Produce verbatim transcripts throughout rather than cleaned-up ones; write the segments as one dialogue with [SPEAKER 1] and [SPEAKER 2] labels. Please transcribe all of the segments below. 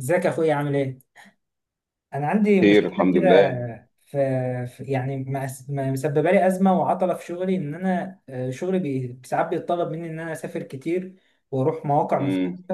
[SPEAKER 1] ازيك يا اخويا عامل ايه؟ انا عندي
[SPEAKER 2] خير
[SPEAKER 1] مشكله
[SPEAKER 2] الحمد
[SPEAKER 1] كده.
[SPEAKER 2] لله.
[SPEAKER 1] في في- يعني مأس- م- مسببه لي ازمه وعطله في شغلي، ان انا آه، شغلي بي- ساعات بيتطلب مني ان انا اسافر كتير واروح مواقع.
[SPEAKER 2] امم.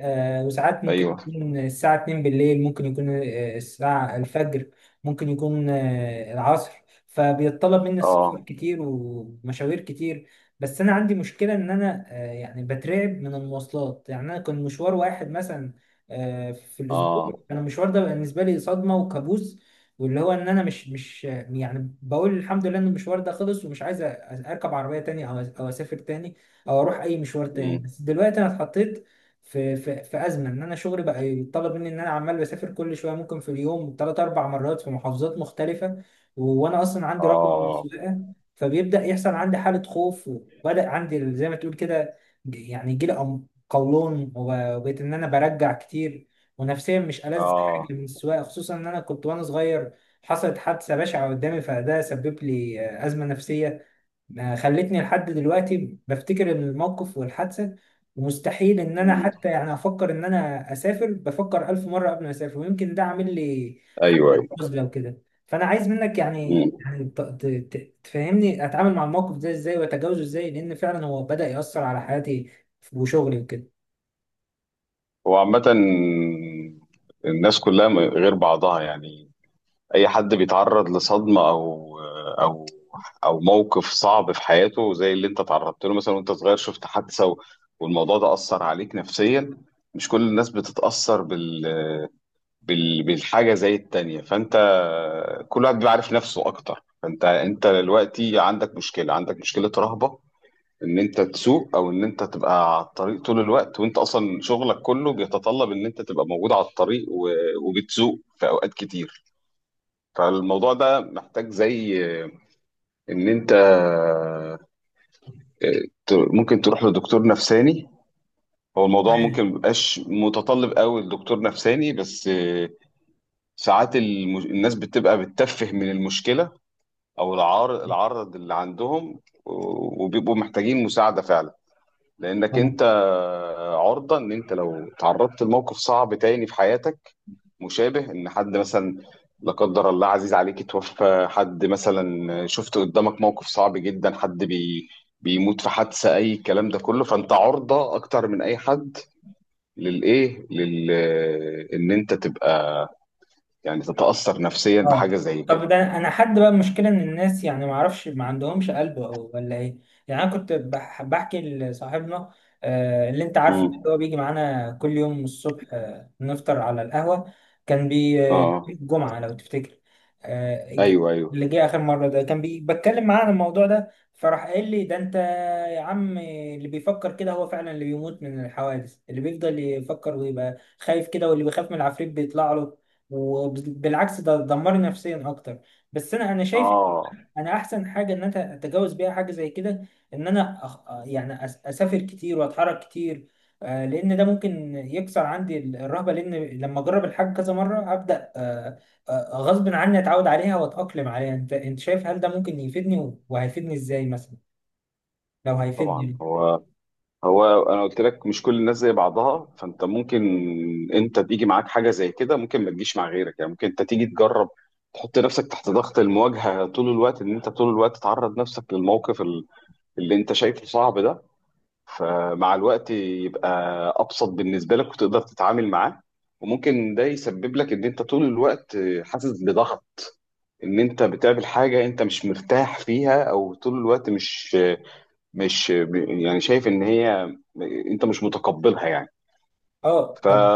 [SPEAKER 1] آه، وساعات ممكن
[SPEAKER 2] ايوه.
[SPEAKER 1] يكون الساعة اتنين بالليل، ممكن يكون آه، الساعة الفجر، ممكن يكون آه، العصر. فبيتطلب مني السفر
[SPEAKER 2] اه.
[SPEAKER 1] كتير ومشاوير كتير. بس أنا عندي مشكلة إن أنا آه، يعني بترعب من المواصلات. يعني أنا كان مشوار واحد مثلا آه، في
[SPEAKER 2] اه.
[SPEAKER 1] الأسبوع، أنا المشوار ده بالنسبة لي صدمة وكابوس. واللي هو إن أنا مش مش يعني بقول الحمد لله إن المشوار ده خلص ومش عايز أ- أركب عربية تاني أو أو أسافر تاني أو أروح أي مشوار تاني.
[SPEAKER 2] امم.
[SPEAKER 1] بس دلوقتي أنا اتحطيت في في في ازمه، ان انا شغلي بقى يتطلب مني ان انا عمال بسافر كل شويه، ممكن في اليوم ثلاث اربع مرات في محافظات مختلفه. و- وانا اصلا عندي رقم
[SPEAKER 2] اه.
[SPEAKER 1] سواقه. فبيبدا يحصل عندي حاله خوف، وبدا عندي زي ما تقول كده، ج- يعني يجي لي قولون، وب- وبقيت ان انا برجع كتير. ونفسيا مش ألذ حاجه
[SPEAKER 2] اه.
[SPEAKER 1] من السواقه، خصوصا ان انا كنت وانا صغير حصلت حادثه بشعه قدامي، فده سبب لي آه، ازمه نفسيه ما خلتني لحد دلوقتي بفتكر الموقف والحادثة. ومستحيل ان انا
[SPEAKER 2] امم.
[SPEAKER 1] حتى يعني افكر ان انا اسافر، بفكر الف مرة قبل ما اسافر، ويمكن ده عامل لي
[SPEAKER 2] ايوه، ايوه.
[SPEAKER 1] نزلة وكده. فانا عايز منك يعني
[SPEAKER 2] امم.
[SPEAKER 1] يعني ت- ت- ت- تفهمني اتعامل مع الموقف ده ازاي واتجاوزه ازاي، لان فعلا هو بدأ يأثر على حياتي وشغلي وكده.
[SPEAKER 2] هو عامة الناس كلها م- غير بعضها، يعني. اي حد بيتعرض لصدمة او او او موقف صعب في حياته، زي اللي انت تعرضت له مثلا، وانت صغير شفت حادثة، و- والموضوع ده اثر عليك نفسيا. مش كل الناس بتتاثر بال بال- بالحاجة زي التانية. فأنت، كل واحد بيبقى عارف نفسه أكتر. فأنت أنت دلوقتي عندك مشكلة، عندك مشكلة رهبة، إن أنت تسوق أو إن أنت تبقى على الطريق طول الوقت، وأنت أصلا شغلك كله بيتطلب إن أنت تبقى موجود على الطريق، و- وبتسوق في أوقات كتير. فالموضوع ده محتاج، زي إن أنت، ت- ممكن تروح لدكتور نفساني. هو الموضوع ممكن ميبقاش متطلب قوي لدكتور نفساني، بس ساعات المش... الناس بتبقى بتتفه من المشكلة، أو العار... العرض اللي عندهم، و- وبيبقوا محتاجين مساعدة فعلا. لأنك أنت عرضة، إن أنت لو تعرضت لموقف صعب تاني في حياتك، مشابه، إن حد مثلا، لا قدر الله، عزيز عليك اتوفى، حد مثلا شفت قدامك موقف صعب جدا، حد بي... بيموت في حادثة، أي الكلام ده كله، فأنت عرضة أكتر من أي حد للإيه لل... إن أنت تبقى، يعني تتأثر نفسيا
[SPEAKER 1] اه.
[SPEAKER 2] بحاجة زي كده.
[SPEAKER 1] طب، ده انا حد بقى، المشكله ان الناس يعني ما اعرفش، ما عندهمش قلب أو ولا ايه؟ يعني انا كنت بح- بحكي لصاحبنا، آه، اللي انت عارفه ده،
[SPEAKER 2] امم.
[SPEAKER 1] اللي هو بيجي معانا كل يوم الصبح آه، نفطر على القهوه، كان بي آه،
[SPEAKER 2] اه.
[SPEAKER 1] الجمعه لو تفتكر، آه، ج-
[SPEAKER 2] ايوه، ايوه.
[SPEAKER 1] اللي جه اخر مره ده كان بي بتكلم معاه عن الموضوع ده، فراح قال لي ده انت يا عم، اللي بيفكر كده هو فعلا اللي بيموت من الحوادث، اللي بيفضل يفكر ويبقى خايف كده، واللي بيخاف من العفريت بيطلع له. وبالعكس، ده دمرني نفسيا اكتر. بس انا انا شايف
[SPEAKER 2] اه.
[SPEAKER 1] انا احسن حاجه ان انا اتجاوز بيها حاجه زي كده، ان انا أخ... يعني أس- اسافر كتير واتحرك كتير، آه، لان ده ممكن يكسر عندي ال- الرهبه، لان لما اجرب الحاجه كذا مره هبدا، آه، آه، غصب عني اتعود عليها واتاقلم عليها. انت انت شايف هل ده ممكن يفيدني و- وهيفيدني ازاي مثلا لو
[SPEAKER 2] طبعا،
[SPEAKER 1] هيفيدني؟
[SPEAKER 2] هو هو انا قلت لك مش كل الناس زي بعضها. فانت ممكن انت تيجي معاك حاجه زي كده، ممكن ما تجيش مع غيرك، يعني ممكن انت تيجي تجرب تحط نفسك تحت ضغط المواجهه طول الوقت، ان انت طول الوقت تعرض نفسك للموقف ال- اللي انت شايفه صعب ده، فمع الوقت يبقى ابسط بالنسبه لك وتقدر تتعامل معاه. وممكن ده يسبب لك ان انت طول الوقت حاسس بضغط، ان انت بتقابل حاجه انت مش مرتاح فيها، او طول الوقت مش مش، يعني شايف ان هي انت مش متقبلها، يعني.
[SPEAKER 1] اه.
[SPEAKER 2] ف
[SPEAKER 1] طب.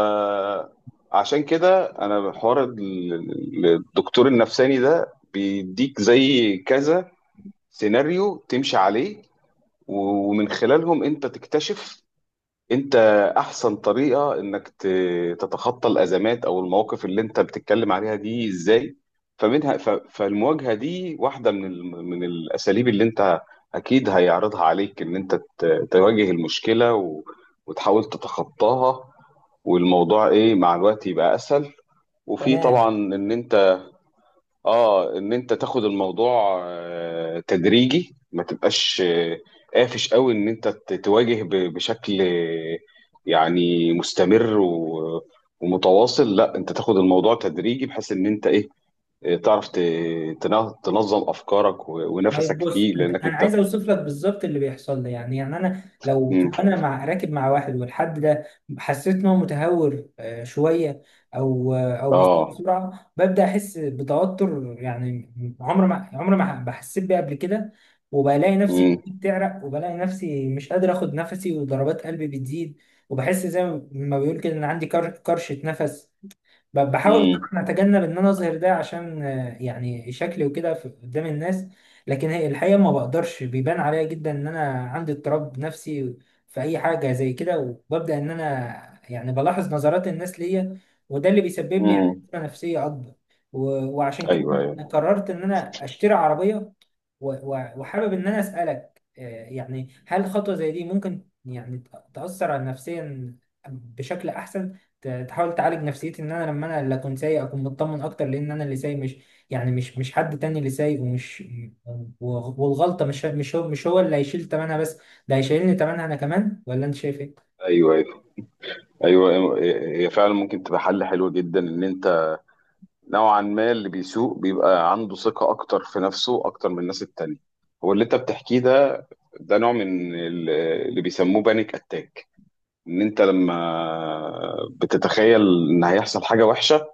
[SPEAKER 2] عشان كده، انا حوار ال- الدكتور النفساني ده بيديك زي كذا سيناريو تمشي عليه، ومن خلالهم انت تكتشف انت احسن طريقة انك ت- تتخطى الازمات او المواقف اللي انت بتتكلم عليها دي ازاي. فمنها، ف- فالمواجهة دي واحدة من ال- من الاساليب اللي انت اكيد هيعرضها عليك، ان انت ت- تواجه المشكلة، و- وتحاول تتخطاها، والموضوع، ايه، مع الوقت يبقى اسهل. وفي
[SPEAKER 1] تمام.
[SPEAKER 2] طبعا ان انت، اه ان انت تاخد الموضوع آه، تدريجي، ما تبقاش آه، قافش قوي، ان انت ت- تواجه ب- بشكل آه، يعني مستمر و- ومتواصل. لا، انت تاخد الموضوع تدريجي، بحيث ان انت ايه، آه، تعرف ت- تن- تنظم افكارك و-
[SPEAKER 1] طيب،
[SPEAKER 2] ونفسك
[SPEAKER 1] بص
[SPEAKER 2] فيه،
[SPEAKER 1] انت،
[SPEAKER 2] لانك
[SPEAKER 1] انا
[SPEAKER 2] انت.
[SPEAKER 1] عايز اوصف لك بالظبط اللي بيحصل لي. يعني يعني انا لو
[SPEAKER 2] مم.
[SPEAKER 1] لو انا مع راكب، مع واحد والحد ده حسيت ان هو متهور آه، شويه، او آه، او بيسوق
[SPEAKER 2] اه.
[SPEAKER 1] بسرعه، ببدا احس بتوتر يعني. عمر ما عمر ما بحسيت بيه قبل كده. وبلاقي نفسي
[SPEAKER 2] مم.
[SPEAKER 1] بتعرق، وبلاقي نفسي مش قادر اخد نفسي، وضربات قلبي بتزيد. وبحس زي ما بيقول كده ان عندي كر- كرشه نفس. ب- بحاول
[SPEAKER 2] مم.
[SPEAKER 1] طبعا اتجنب ان انا اظهر ده، عشان آه، يعني شكلي وكده في- قدام الناس. لكن هي الحقيقه ما بقدرش، بيبان عليا جدا ان انا عندي اضطراب نفسي في اي حاجه زي كده، وببدا ان انا يعني بلاحظ نظرات الناس ليا، وده اللي بيسبب لي يعني
[SPEAKER 2] مم.
[SPEAKER 1] أزمة نفسيه اكبر. و- وعشان كده
[SPEAKER 2] ايوه،
[SPEAKER 1] انا
[SPEAKER 2] ايوه،
[SPEAKER 1] قررت ان انا اشتري عربيه، و- و- وحابب ان انا اسالك آه، يعني، هل خطوه زي دي ممكن يعني تاثر على نفسيا بشكل احسن، ت- تحاول تعالج نفسيتي، ان انا لما انا اللي اكون سايق اكون مطمن اكتر، لان انا اللي سايق، مش يعني مش مش حد تاني اللي سايق، ومش، و- والغلطه مش مش هو مش هو اللي هيشيل تمنها بس، ده هيشيلني تمنها انا كمان. ولا انت شايف ايه؟
[SPEAKER 2] ايوه، ايوه، ايوه. هي فعلا ممكن تبقى حل حلو جدا، ان انت نوعا ما اللي بيسوق بيبقى عنده ثقة أكتر في نفسه، أكتر من الناس التانية. هو اللي أنت بتحكيه ده، ده نوع من ال- اللي بيسموه بانيك أتاك، إن أنت لما بتتخيل إن هيحصل حاجة وحشة،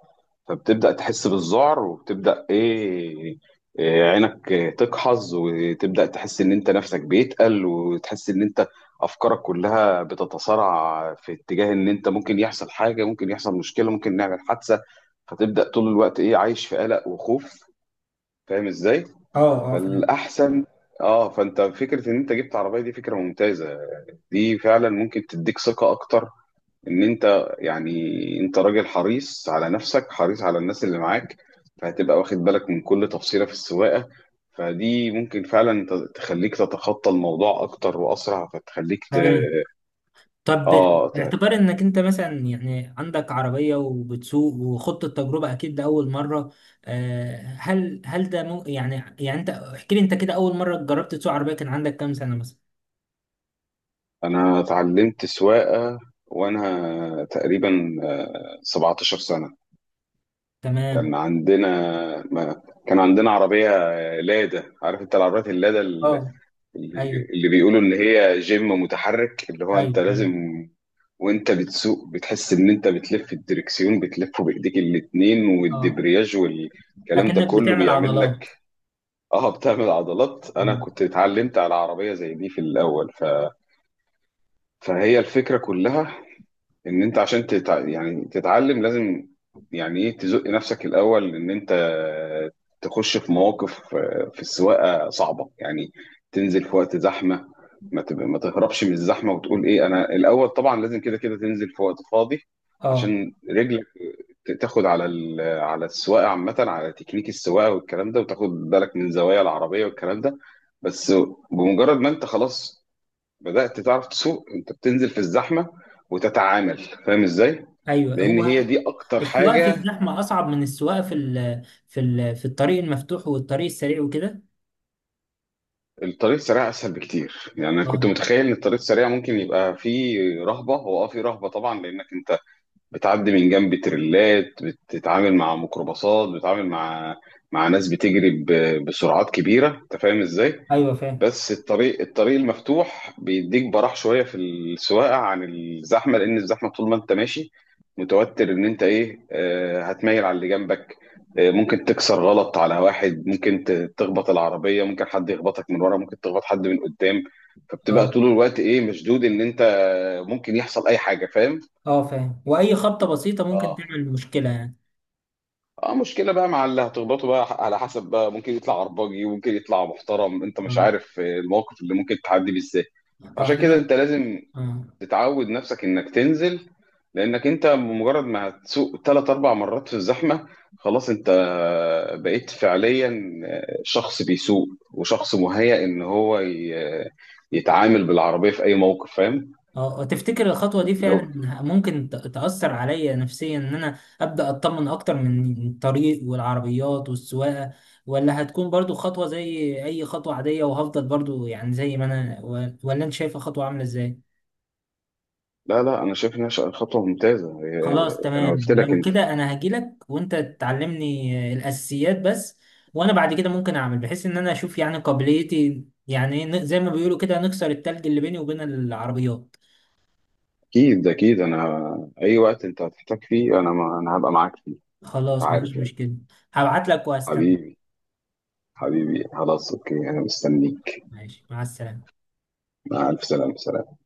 [SPEAKER 2] فبتبدأ تحس بالذعر وبتبدأ إيه، إيه، عينك تقحظ، وتبدأ تحس إن أنت نفسك بيتقل، وتحس إن أنت أفكارك كلها بتتصارع في اتجاه، إن أنت ممكن يحصل حاجة، ممكن يحصل مشكلة، ممكن نعمل حادثة. فتبدأ طول الوقت، إيه، عايش في قلق وخوف. فاهم إزاي؟
[SPEAKER 1] اه. اه، فاهم.
[SPEAKER 2] فالأحسن، آه فأنت، فكرة إن أنت جبت عربية دي فكرة ممتازة. دي فعلا ممكن تديك ثقة أكتر، ان انت يعني، انت راجل حريص على نفسك، حريص على الناس اللي معاك، فهتبقى واخد بالك من كل تفصيلة في السواقة. فدي ممكن فعلا ت- تخليك تتخطى الموضوع اكتر واسرع، فتخليك ت...
[SPEAKER 1] تمام. طب،
[SPEAKER 2] اه ت...
[SPEAKER 1] باعتبار انك انت مثلا يعني عندك عربية وبتسوق وخضت التجربة اكيد لأول مرة، آه، هل هل ده مو، يعني يعني انت احكي لي، انت كده اول مرة جربت تسوق عربية كان عندك كام سنة مثلا؟
[SPEAKER 2] انا اتعلمت سواقة وانا تقريبا آه، 17 سنة.
[SPEAKER 1] تمام.
[SPEAKER 2] كان عندنا، ما... كان عندنا عربية لادا. عارف انت العربيات اللادا، اللي
[SPEAKER 1] اه. ايوه،
[SPEAKER 2] بي- اللي بيقولوا اللي هي جيم متحرك، اللي هو انت
[SPEAKER 1] ايوه، ايوه.
[SPEAKER 2] لازم، وانت بتسوق بتحس ان انت بتلف الدركسيون، بتلفه بايديك الاتنين،
[SPEAKER 1] اه،
[SPEAKER 2] والدبرياج والكلام ده
[SPEAKER 1] اكنك
[SPEAKER 2] كله
[SPEAKER 1] بتعمل
[SPEAKER 2] بيعمل لك،
[SPEAKER 1] عضلات.
[SPEAKER 2] اه، بتعمل عضلات. انا
[SPEAKER 1] اه.
[SPEAKER 2] كنت اتعلمت على عربية زي دي في الاول. ف... فهي الفكرة كلها، ان انت عشان تتع... يعني تتعلم، لازم، يعني ايه، تزق نفسك الاول، ان انت تخش في مواقف آه، في السواقه صعبه، يعني تنزل في وقت زحمه، ما تب... ما تهربش من الزحمه، وتقول ايه، انا الاول طبعا لازم كده كده تنزل في وقت فاضي،
[SPEAKER 1] اه،
[SPEAKER 2] عشان رجلك ت- تاخد على ال... على السواقه عامه، على تكنيك السواقه والكلام ده، وتاخد بالك من زوايا العربيه والكلام ده. بس بمجرد ما انت خلاص بدأت تعرف تسوق، انت بتنزل في الزحمة وتتعامل. فاهم ازاي؟
[SPEAKER 1] ايوه.
[SPEAKER 2] لان هي
[SPEAKER 1] هو
[SPEAKER 2] دي اكتر
[SPEAKER 1] السواقه في
[SPEAKER 2] حاجة.
[SPEAKER 1] الزحمه اصعب من السواقه في ال في ال في الطريق المفتوح والطريق السريع وكده.
[SPEAKER 2] الطريق السريع اسهل بكتير، يعني انا كنت
[SPEAKER 1] اه،
[SPEAKER 2] متخيل ان الطريق السريع ممكن يبقى فيه رهبة. هو اه، فيه رهبة طبعا، لانك انت بتعدي من جنب تريلات، بتتعامل مع ميكروباصات، بتتعامل مع مع ناس بتجري ب- بسرعات كبيرة. انت فاهم ازاي؟
[SPEAKER 1] ايوه، فاهم.
[SPEAKER 2] بس الطريق، الطريق المفتوح بيديك براح شويه في السواقه عن الزحمه، لان الزحمه طول ما انت ماشي متوتر، ان انت ايه، آه، هتميل على اللي جنبك، آه، ممكن تكسر غلط على واحد، ممكن ت- تخبط العربيه، ممكن حد يخبطك من ورا، ممكن تخبط حد من قدام. فبتبقى
[SPEAKER 1] اه،
[SPEAKER 2] طول الوقت، ايه، مشدود، ان انت ممكن يحصل اي حاجه، فاهم.
[SPEAKER 1] اه، فاهم. واي خبطه بسيطه ممكن
[SPEAKER 2] اه.
[SPEAKER 1] تعمل مشكله يعني.
[SPEAKER 2] اه، مشكلة بقى مع اللي هتخبطه بقى، على حسب بقى ممكن يطلع عرباجي وممكن يطلع محترم، انت مش
[SPEAKER 1] اه،
[SPEAKER 2] عارف آه، الموقف اللي ممكن تعدي بيه ازاي.
[SPEAKER 1] اه،
[SPEAKER 2] عشان كده
[SPEAKER 1] انا.
[SPEAKER 2] انت لازم
[SPEAKER 1] اه،
[SPEAKER 2] تتعود نفسك انك تنزل، لانك انت بمجرد ما هتسوق ثلاث اربع مرات في الزحمه، خلاص انت بقيت فعليا شخص بيسوق، وشخص مهيأ ان هو ي- يتعامل بالعربيه في اي موقف. فاهم.
[SPEAKER 1] اه، تفتكر الخطوة دي
[SPEAKER 2] لو.
[SPEAKER 1] فعلا ممكن ت- تأثر عليا نفسيا، ان انا ابدأ اطمن اكتر من الطريق والعربيات والسواقة، ولا هتكون برضو خطوة زي اي خطوة عادية وهفضل برضو يعني زي ما انا، و- ولا انت شايفة خطوة عاملة ازاي؟
[SPEAKER 2] لا، لا، انا شايف انها ش- خطوه ممتازه.
[SPEAKER 1] خلاص،
[SPEAKER 2] انا
[SPEAKER 1] تمام.
[SPEAKER 2] قلت لك
[SPEAKER 1] لو
[SPEAKER 2] انت.
[SPEAKER 1] كده انا هجيلك وانت تعلمني الاساسيات بس، وانا بعد كده ممكن اعمل، بحيث ان انا اشوف يعني قابليتي، يعني ن- زي ما بيقولوا كده نكسر التلج اللي بيني وبين العربيات.
[SPEAKER 2] اكيد اكيد، انا اي وقت انت هتحتاج فيه، انا ما انا هبقى معاك فيه.
[SPEAKER 1] خلاص،
[SPEAKER 2] عارف
[SPEAKER 1] مفيش
[SPEAKER 2] يعني.
[SPEAKER 1] مشكلة، هبعت لك وهستنى.
[SPEAKER 2] حبيبي، حبيبي خلاص، اوكي، انا مستنيك.
[SPEAKER 1] ماشي، مع السلامة.
[SPEAKER 2] مع الف سلامه. سلام.